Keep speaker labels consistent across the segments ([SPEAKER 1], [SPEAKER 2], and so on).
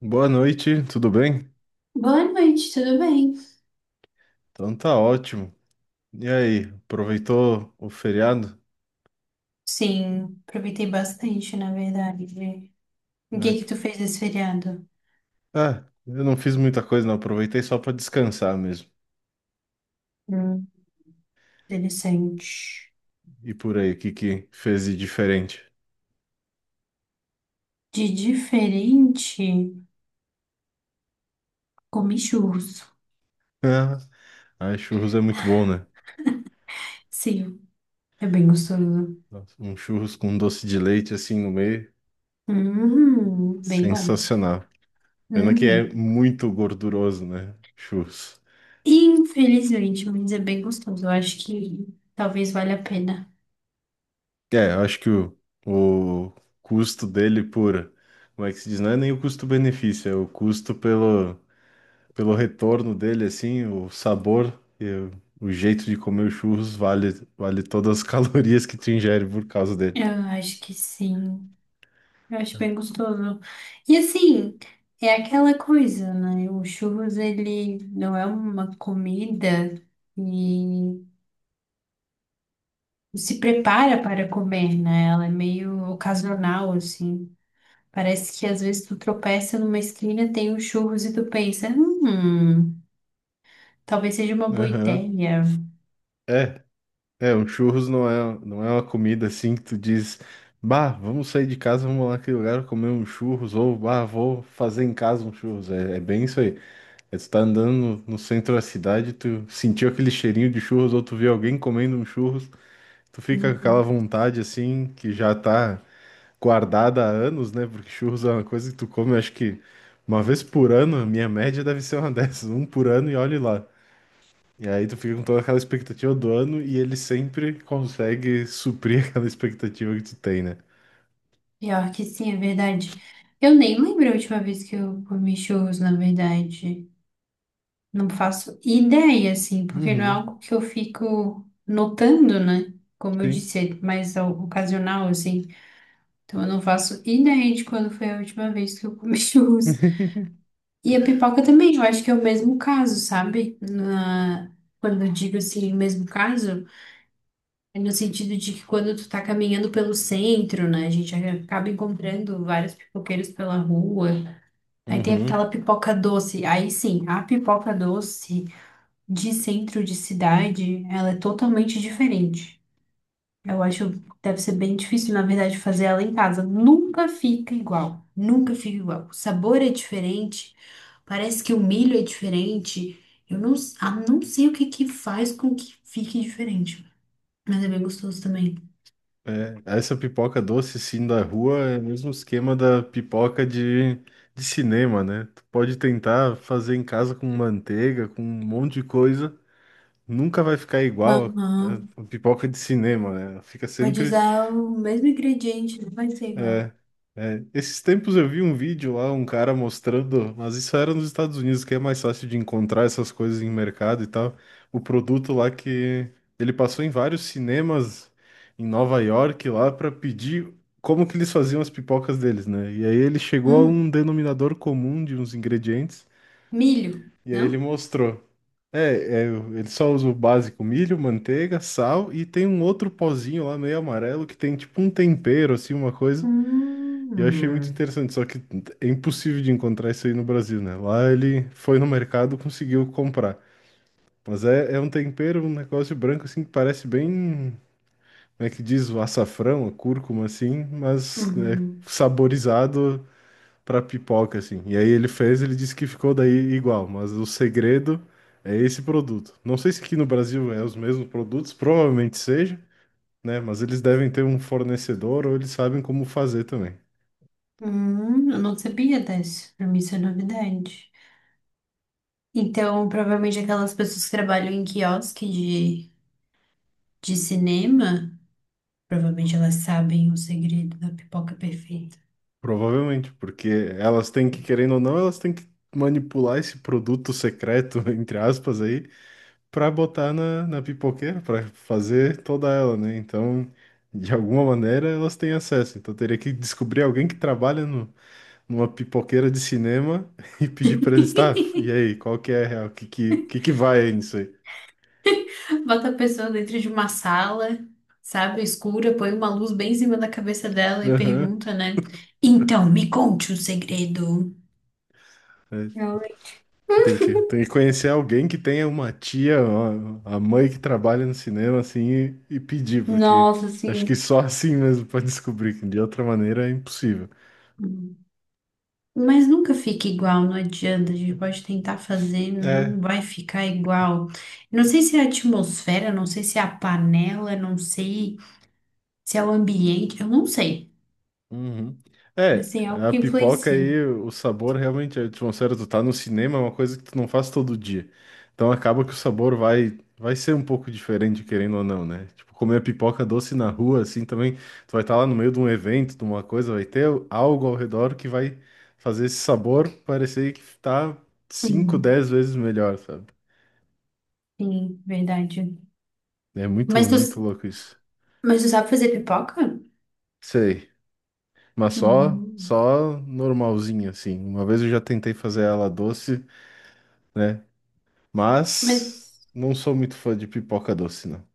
[SPEAKER 1] Boa noite, tudo bem?
[SPEAKER 2] Boa noite, tudo bem?
[SPEAKER 1] Então tá ótimo. E aí, aproveitou o feriado?
[SPEAKER 2] Sim, aproveitei bastante, na verdade. O que
[SPEAKER 1] Ah,
[SPEAKER 2] que
[SPEAKER 1] que-
[SPEAKER 2] tu fez esse feriado?
[SPEAKER 1] ah, eu não fiz muita coisa, não. Aproveitei só pra descansar mesmo.
[SPEAKER 2] Hum, interessante.
[SPEAKER 1] E por aí, o que que fez de diferente?
[SPEAKER 2] De diferente, comi churros.
[SPEAKER 1] Ah, churros é muito bom, né?
[SPEAKER 2] Sim, é bem gostoso.
[SPEAKER 1] Nossa, um churros com doce de leite assim no meio,
[SPEAKER 2] Bem bom.
[SPEAKER 1] sensacional. Pena que é
[SPEAKER 2] Hum.
[SPEAKER 1] muito gorduroso, né? Churros.
[SPEAKER 2] Infelizmente, mas é bem gostoso. Eu acho que talvez valha a pena.
[SPEAKER 1] É, eu acho que o custo dele por. Como é que se diz? Não é nem o custo-benefício, é o custo pelo. Pelo retorno dele, assim, o sabor e o jeito de comer os churros vale, vale todas as calorias que tu ingere por causa dele.
[SPEAKER 2] Eu acho que sim. Eu acho bem gostoso. E assim, é aquela coisa, né? O churros, ele não é uma comida e se prepara para comer, né? Ela é meio ocasional, assim. Parece que às vezes tu tropeça numa esquina, tem um churros e tu pensa, talvez seja uma boa
[SPEAKER 1] Aham.
[SPEAKER 2] ideia.
[SPEAKER 1] É, é, um churros não é uma comida assim que tu diz, bah, vamos sair de casa, vamos lá naquele lugar comer um churros, ou bah, vou fazer em casa um churros. É, é bem isso aí. É, tu tá andando no centro da cidade, tu sentiu aquele cheirinho de churros, ou tu vê alguém comendo um churros, tu fica com aquela
[SPEAKER 2] Uhum.
[SPEAKER 1] vontade assim que já tá guardada há anos, né? Porque churros é uma coisa que tu come, acho que uma vez por ano, a minha média deve ser uma dessas, um por ano e olhe lá. E aí tu fica com toda aquela expectativa do ano e ele sempre consegue suprir aquela expectativa que tu tem, né?
[SPEAKER 2] Pior que sim, é verdade. Eu nem lembro a última vez que eu comi churros, na verdade. Não faço ideia, assim, porque não é
[SPEAKER 1] Uhum,
[SPEAKER 2] algo que eu fico notando, né? Como eu
[SPEAKER 1] sim.
[SPEAKER 2] disse, é mais ocasional, assim. Então eu não faço ideia de quando foi a última vez que eu comi churros. E a pipoca também, eu acho que é o mesmo caso, sabe? Quando eu digo assim, o mesmo caso, é no sentido de que quando tu tá caminhando pelo centro, né? A gente acaba encontrando vários pipoqueiros pela rua. Aí tem
[SPEAKER 1] Uhum.
[SPEAKER 2] aquela pipoca doce. Aí sim, a pipoca doce de centro de cidade, ela é totalmente diferente. Eu acho que deve ser bem difícil, na verdade, fazer ela em casa. Nunca fica igual. Nunca fica igual. O sabor é diferente. Parece que o milho é diferente. Eu não, não sei o que que faz com que fique diferente. Mas é bem gostoso também.
[SPEAKER 1] É, essa pipoca doce, sim, da rua é o mesmo esquema da pipoca de cinema, né? Tu pode tentar fazer em casa com manteiga, com um monte de coisa, nunca vai ficar igual
[SPEAKER 2] Aham.
[SPEAKER 1] a pipoca de cinema, né? Fica
[SPEAKER 2] Pode
[SPEAKER 1] sempre.
[SPEAKER 2] usar o mesmo ingrediente, não vai ser igual.
[SPEAKER 1] é, Esses tempos eu vi um vídeo lá, um cara mostrando, mas isso era nos Estados Unidos, que é mais fácil de encontrar essas coisas em mercado e tal. O produto lá que ele passou em vários cinemas em Nova York lá para pedir como que eles faziam as pipocas deles, né? E aí ele chegou a um
[SPEAKER 2] Hum,
[SPEAKER 1] denominador comum de uns ingredientes.
[SPEAKER 2] milho,
[SPEAKER 1] E aí ele
[SPEAKER 2] não?
[SPEAKER 1] mostrou. Ele só usa o básico milho, manteiga, sal e tem um outro pozinho lá meio amarelo que tem tipo um tempero, assim, uma coisa. E eu achei muito
[SPEAKER 2] Hum.
[SPEAKER 1] interessante, só que é impossível de encontrar isso aí no Brasil, né? Lá ele foi no mercado, conseguiu comprar. Mas é um tempero, um negócio branco assim que parece bem, como é que diz, o açafrão, a cúrcuma assim, mas é,
[SPEAKER 2] Uhum.
[SPEAKER 1] saborizado pra pipoca, assim. E aí ele fez, ele disse que ficou daí igual, mas o segredo é esse produto. Não sei se aqui no Brasil é os mesmos produtos, provavelmente seja, né? Mas eles devem ter um fornecedor ou eles sabem como fazer também.
[SPEAKER 2] Eu não sabia dessa. Pra mim isso é novidade. Então, provavelmente aquelas pessoas que trabalham em quiosque de cinema, provavelmente elas sabem o segredo da pipoca perfeita.
[SPEAKER 1] Provavelmente, porque elas têm que, querendo ou não, elas têm que manipular esse produto secreto, entre aspas, aí, pra botar na pipoqueira, pra fazer toda ela, né? Então, de alguma maneira, elas têm acesso. Então, teria que descobrir alguém que trabalha no numa pipoqueira de cinema e pedir pra eles, tá? E aí, qual que é a real? O que que que vai aí nisso aí?
[SPEAKER 2] Bota a pessoa dentro de uma sala, sabe, escura, põe uma luz bem em cima da cabeça dela e
[SPEAKER 1] Aham.
[SPEAKER 2] pergunta, né? Então, me conte um segredo.
[SPEAKER 1] É,
[SPEAKER 2] Realmente.
[SPEAKER 1] tem que conhecer alguém que tenha uma tia, uma- a mãe que trabalha no cinema, assim, e pedir, porque
[SPEAKER 2] Nossa,
[SPEAKER 1] acho
[SPEAKER 2] assim.
[SPEAKER 1] que só assim mesmo pode descobrir, que de outra maneira é impossível.
[SPEAKER 2] Hum. Mas nunca fica igual, não adianta. A gente pode tentar fazer,
[SPEAKER 1] É
[SPEAKER 2] não vai ficar igual. Não sei se é a atmosfera, não sei se é a panela, não sei se é o ambiente, eu não sei.
[SPEAKER 1] Uhum. É,
[SPEAKER 2] Assim, é algo
[SPEAKER 1] a
[SPEAKER 2] que
[SPEAKER 1] pipoca
[SPEAKER 2] influencia.
[SPEAKER 1] aí, o sabor realmente, é, tipo, sério, tu tá no cinema, é uma coisa que tu não faz todo dia. Então acaba que o sabor vai ser um pouco diferente, querendo ou não, né? Tipo, comer pipoca doce na rua, assim, também, tu vai estar lá no meio de um evento, de uma coisa, vai ter algo ao redor que vai fazer esse sabor parecer que tá cinco
[SPEAKER 2] Hum,
[SPEAKER 1] dez vezes melhor, sabe?
[SPEAKER 2] sim, verdade.
[SPEAKER 1] É muito,
[SPEAKER 2] Mas tu,
[SPEAKER 1] muito louco isso.
[SPEAKER 2] mas tu sabe fazer pipoca?
[SPEAKER 1] Sei. Mas só,
[SPEAKER 2] Hum.
[SPEAKER 1] só normalzinho, assim. Uma vez eu já tentei fazer ela doce, né? Mas
[SPEAKER 2] Mas,
[SPEAKER 1] não sou muito fã de pipoca doce, não.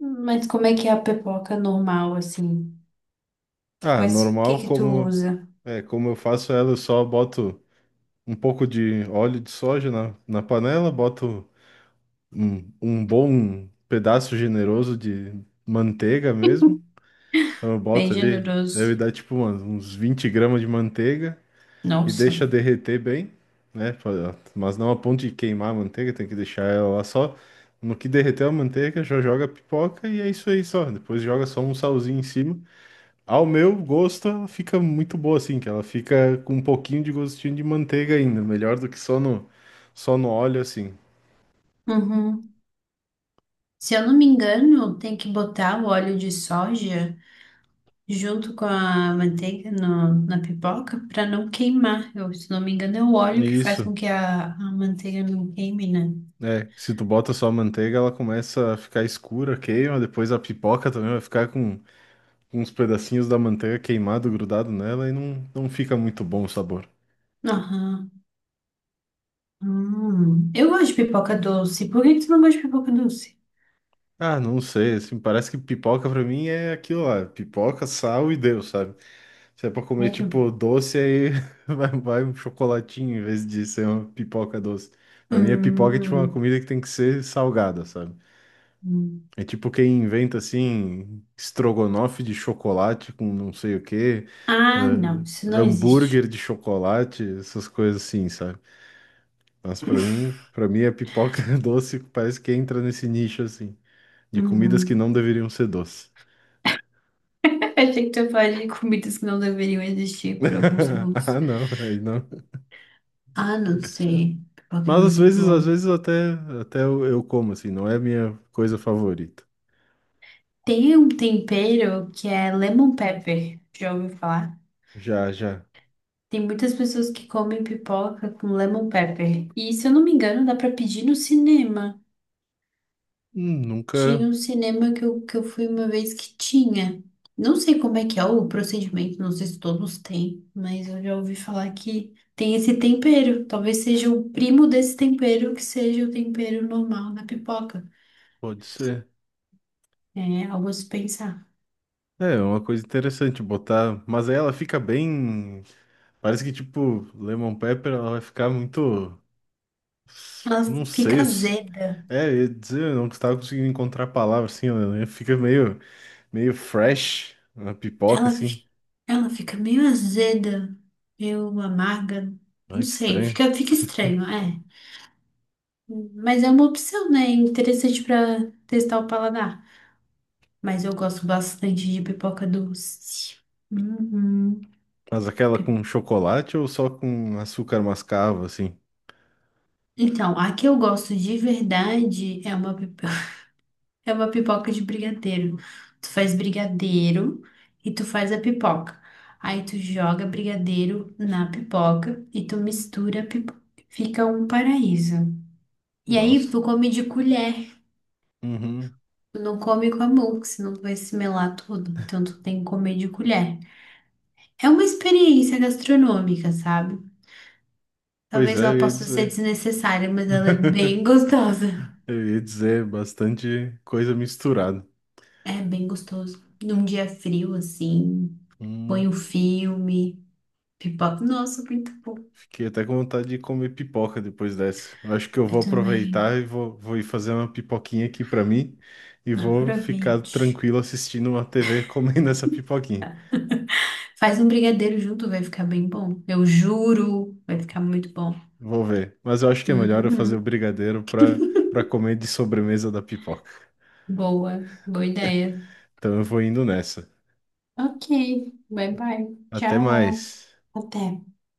[SPEAKER 2] mas como é que é a pipoca normal, assim?
[SPEAKER 1] Ah,
[SPEAKER 2] Quais, o que
[SPEAKER 1] normal,
[SPEAKER 2] que tu
[SPEAKER 1] como
[SPEAKER 2] usa?
[SPEAKER 1] é, como eu faço ela, eu só boto um pouco de óleo de soja na panela, boto um bom pedaço generoso de manteiga mesmo. Então eu
[SPEAKER 2] Bem
[SPEAKER 1] boto ali, deve
[SPEAKER 2] generoso.
[SPEAKER 1] dar tipo uns 20 gramas de manteiga. E
[SPEAKER 2] Nossa.
[SPEAKER 1] deixa derreter bem, né? Mas não a ponto de queimar a manteiga, tem que deixar ela lá só. No que derreter a manteiga, já joga a pipoca e é isso aí só. Depois joga só um salzinho em cima. Ao meu gosto, ela fica muito boa assim, que ela fica com um pouquinho de gostinho de manteiga ainda, melhor do que só no óleo assim.
[SPEAKER 2] Uhum. Se eu não me engano, tem que botar o óleo de soja junto com a manteiga na pipoca para não queimar. Eu, se não me engano, é o óleo que faz com
[SPEAKER 1] Isso.
[SPEAKER 2] que a manteiga não queime, né?
[SPEAKER 1] É, se tu bota só a manteiga, ela começa a ficar escura, queima, depois a pipoca também vai ficar com uns pedacinhos da manteiga queimado, grudado nela e não fica muito bom o sabor.
[SPEAKER 2] Aham. Hum. Eu gosto de pipoca doce. Por que que tu não gosta de pipoca doce?
[SPEAKER 1] Ah, não sei, assim, parece que pipoca pra mim é aquilo lá, pipoca, sal e Deus, sabe? Se é pra comer,
[SPEAKER 2] Sério?
[SPEAKER 1] tipo, doce, aí vai um chocolatinho em vez de ser uma pipoca doce. Pra mim, a pipoca é, tipo, uma
[SPEAKER 2] Hum.
[SPEAKER 1] comida que tem que ser salgada, sabe?
[SPEAKER 2] Hum.
[SPEAKER 1] É tipo quem inventa, assim, estrogonofe de chocolate com não sei o quê,
[SPEAKER 2] Ah, não,
[SPEAKER 1] ah,
[SPEAKER 2] isso não
[SPEAKER 1] hambúrguer
[SPEAKER 2] existe.
[SPEAKER 1] de chocolate, essas coisas assim, sabe? Mas pra mim, a pipoca doce parece que entra nesse nicho, assim, de comidas que
[SPEAKER 2] Uhum.
[SPEAKER 1] não deveriam ser doces.
[SPEAKER 2] Achei que tu ia falar de comidas que não deveriam existir por alguns segundos.
[SPEAKER 1] Ah, não, aí não.
[SPEAKER 2] Ah, não sei. Pipoca é
[SPEAKER 1] Mas às
[SPEAKER 2] muito
[SPEAKER 1] vezes, às
[SPEAKER 2] bom.
[SPEAKER 1] vezes até, até eu como, assim, não é a minha coisa favorita.
[SPEAKER 2] Tem um tempero que é lemon pepper. Já ouviu falar?
[SPEAKER 1] Já, já.
[SPEAKER 2] Tem muitas pessoas que comem pipoca com lemon pepper. E se eu não me engano, dá pra pedir no cinema. Tinha
[SPEAKER 1] Nunca
[SPEAKER 2] um cinema que eu fui uma vez que tinha. Não sei como é que é o procedimento, não sei se todos têm, mas eu já ouvi falar que tem esse tempero. Talvez seja o primo desse tempero que seja o tempero normal na pipoca.
[SPEAKER 1] pode ser.
[SPEAKER 2] É algo a se pensar.
[SPEAKER 1] É, é uma coisa interessante botar, mas aí ela fica bem, parece que tipo, Lemon Pepper, ela vai ficar muito,
[SPEAKER 2] Ela
[SPEAKER 1] não sei,
[SPEAKER 2] fica azeda.
[SPEAKER 1] é, eu ia dizer, eu não estava conseguindo encontrar a palavra, assim, ela né, fica meio, meio fresh na pipoca,
[SPEAKER 2] Ela,
[SPEAKER 1] assim.
[SPEAKER 2] fi- Ela fica meio azeda, meio amarga. Não
[SPEAKER 1] Olha que
[SPEAKER 2] sei,
[SPEAKER 1] estranho.
[SPEAKER 2] fica, fica estranho, é. Mas é uma opção, né? Interessante para testar o paladar. Mas eu gosto bastante de pipoca doce. Uhum.
[SPEAKER 1] Mas aquela
[SPEAKER 2] Pi-
[SPEAKER 1] com chocolate ou só com açúcar mascavo, assim?
[SPEAKER 2] Então, a que eu gosto de verdade é uma, pip- é uma pipoca de brigadeiro. Tu faz brigadeiro e tu faz a pipoca. Aí tu joga brigadeiro na pipoca e tu mistura a pipoca. Fica um paraíso. E aí
[SPEAKER 1] Nossa.
[SPEAKER 2] tu come de colher.
[SPEAKER 1] Uhum.
[SPEAKER 2] Tu não come com a mão, porque senão tu vai se melar tudo. Então tu tem que comer de colher. É uma experiência gastronômica, sabe?
[SPEAKER 1] Pois é,
[SPEAKER 2] Talvez ela
[SPEAKER 1] eu ia
[SPEAKER 2] possa ser
[SPEAKER 1] dizer.
[SPEAKER 2] desnecessária, mas ela é bem gostosa.
[SPEAKER 1] Eu ia dizer bastante coisa misturada.
[SPEAKER 2] É bem gostoso. Num dia frio, assim, põe
[SPEAKER 1] Hum.
[SPEAKER 2] um filme, pipoca. Nossa, muito bom.
[SPEAKER 1] Fiquei até com vontade de comer pipoca depois dessa. Eu acho que eu
[SPEAKER 2] Eu
[SPEAKER 1] vou
[SPEAKER 2] também.
[SPEAKER 1] aproveitar e vou ir fazer uma pipoquinha aqui pra mim e vou ficar
[SPEAKER 2] Aproveite.
[SPEAKER 1] tranquilo assistindo uma TV comendo essa pipoquinha.
[SPEAKER 2] Faz um brigadeiro junto, vai ficar bem bom. Eu juro, vai ficar muito bom.
[SPEAKER 1] Vou ver. Mas eu acho que é melhor eu fazer o
[SPEAKER 2] Uhum.
[SPEAKER 1] brigadeiro pra para comer de sobremesa da pipoca.
[SPEAKER 2] Boa ideia.
[SPEAKER 1] Então eu vou indo nessa.
[SPEAKER 2] Ok, bye bye.
[SPEAKER 1] Até
[SPEAKER 2] Tchau.
[SPEAKER 1] mais.
[SPEAKER 2] Até.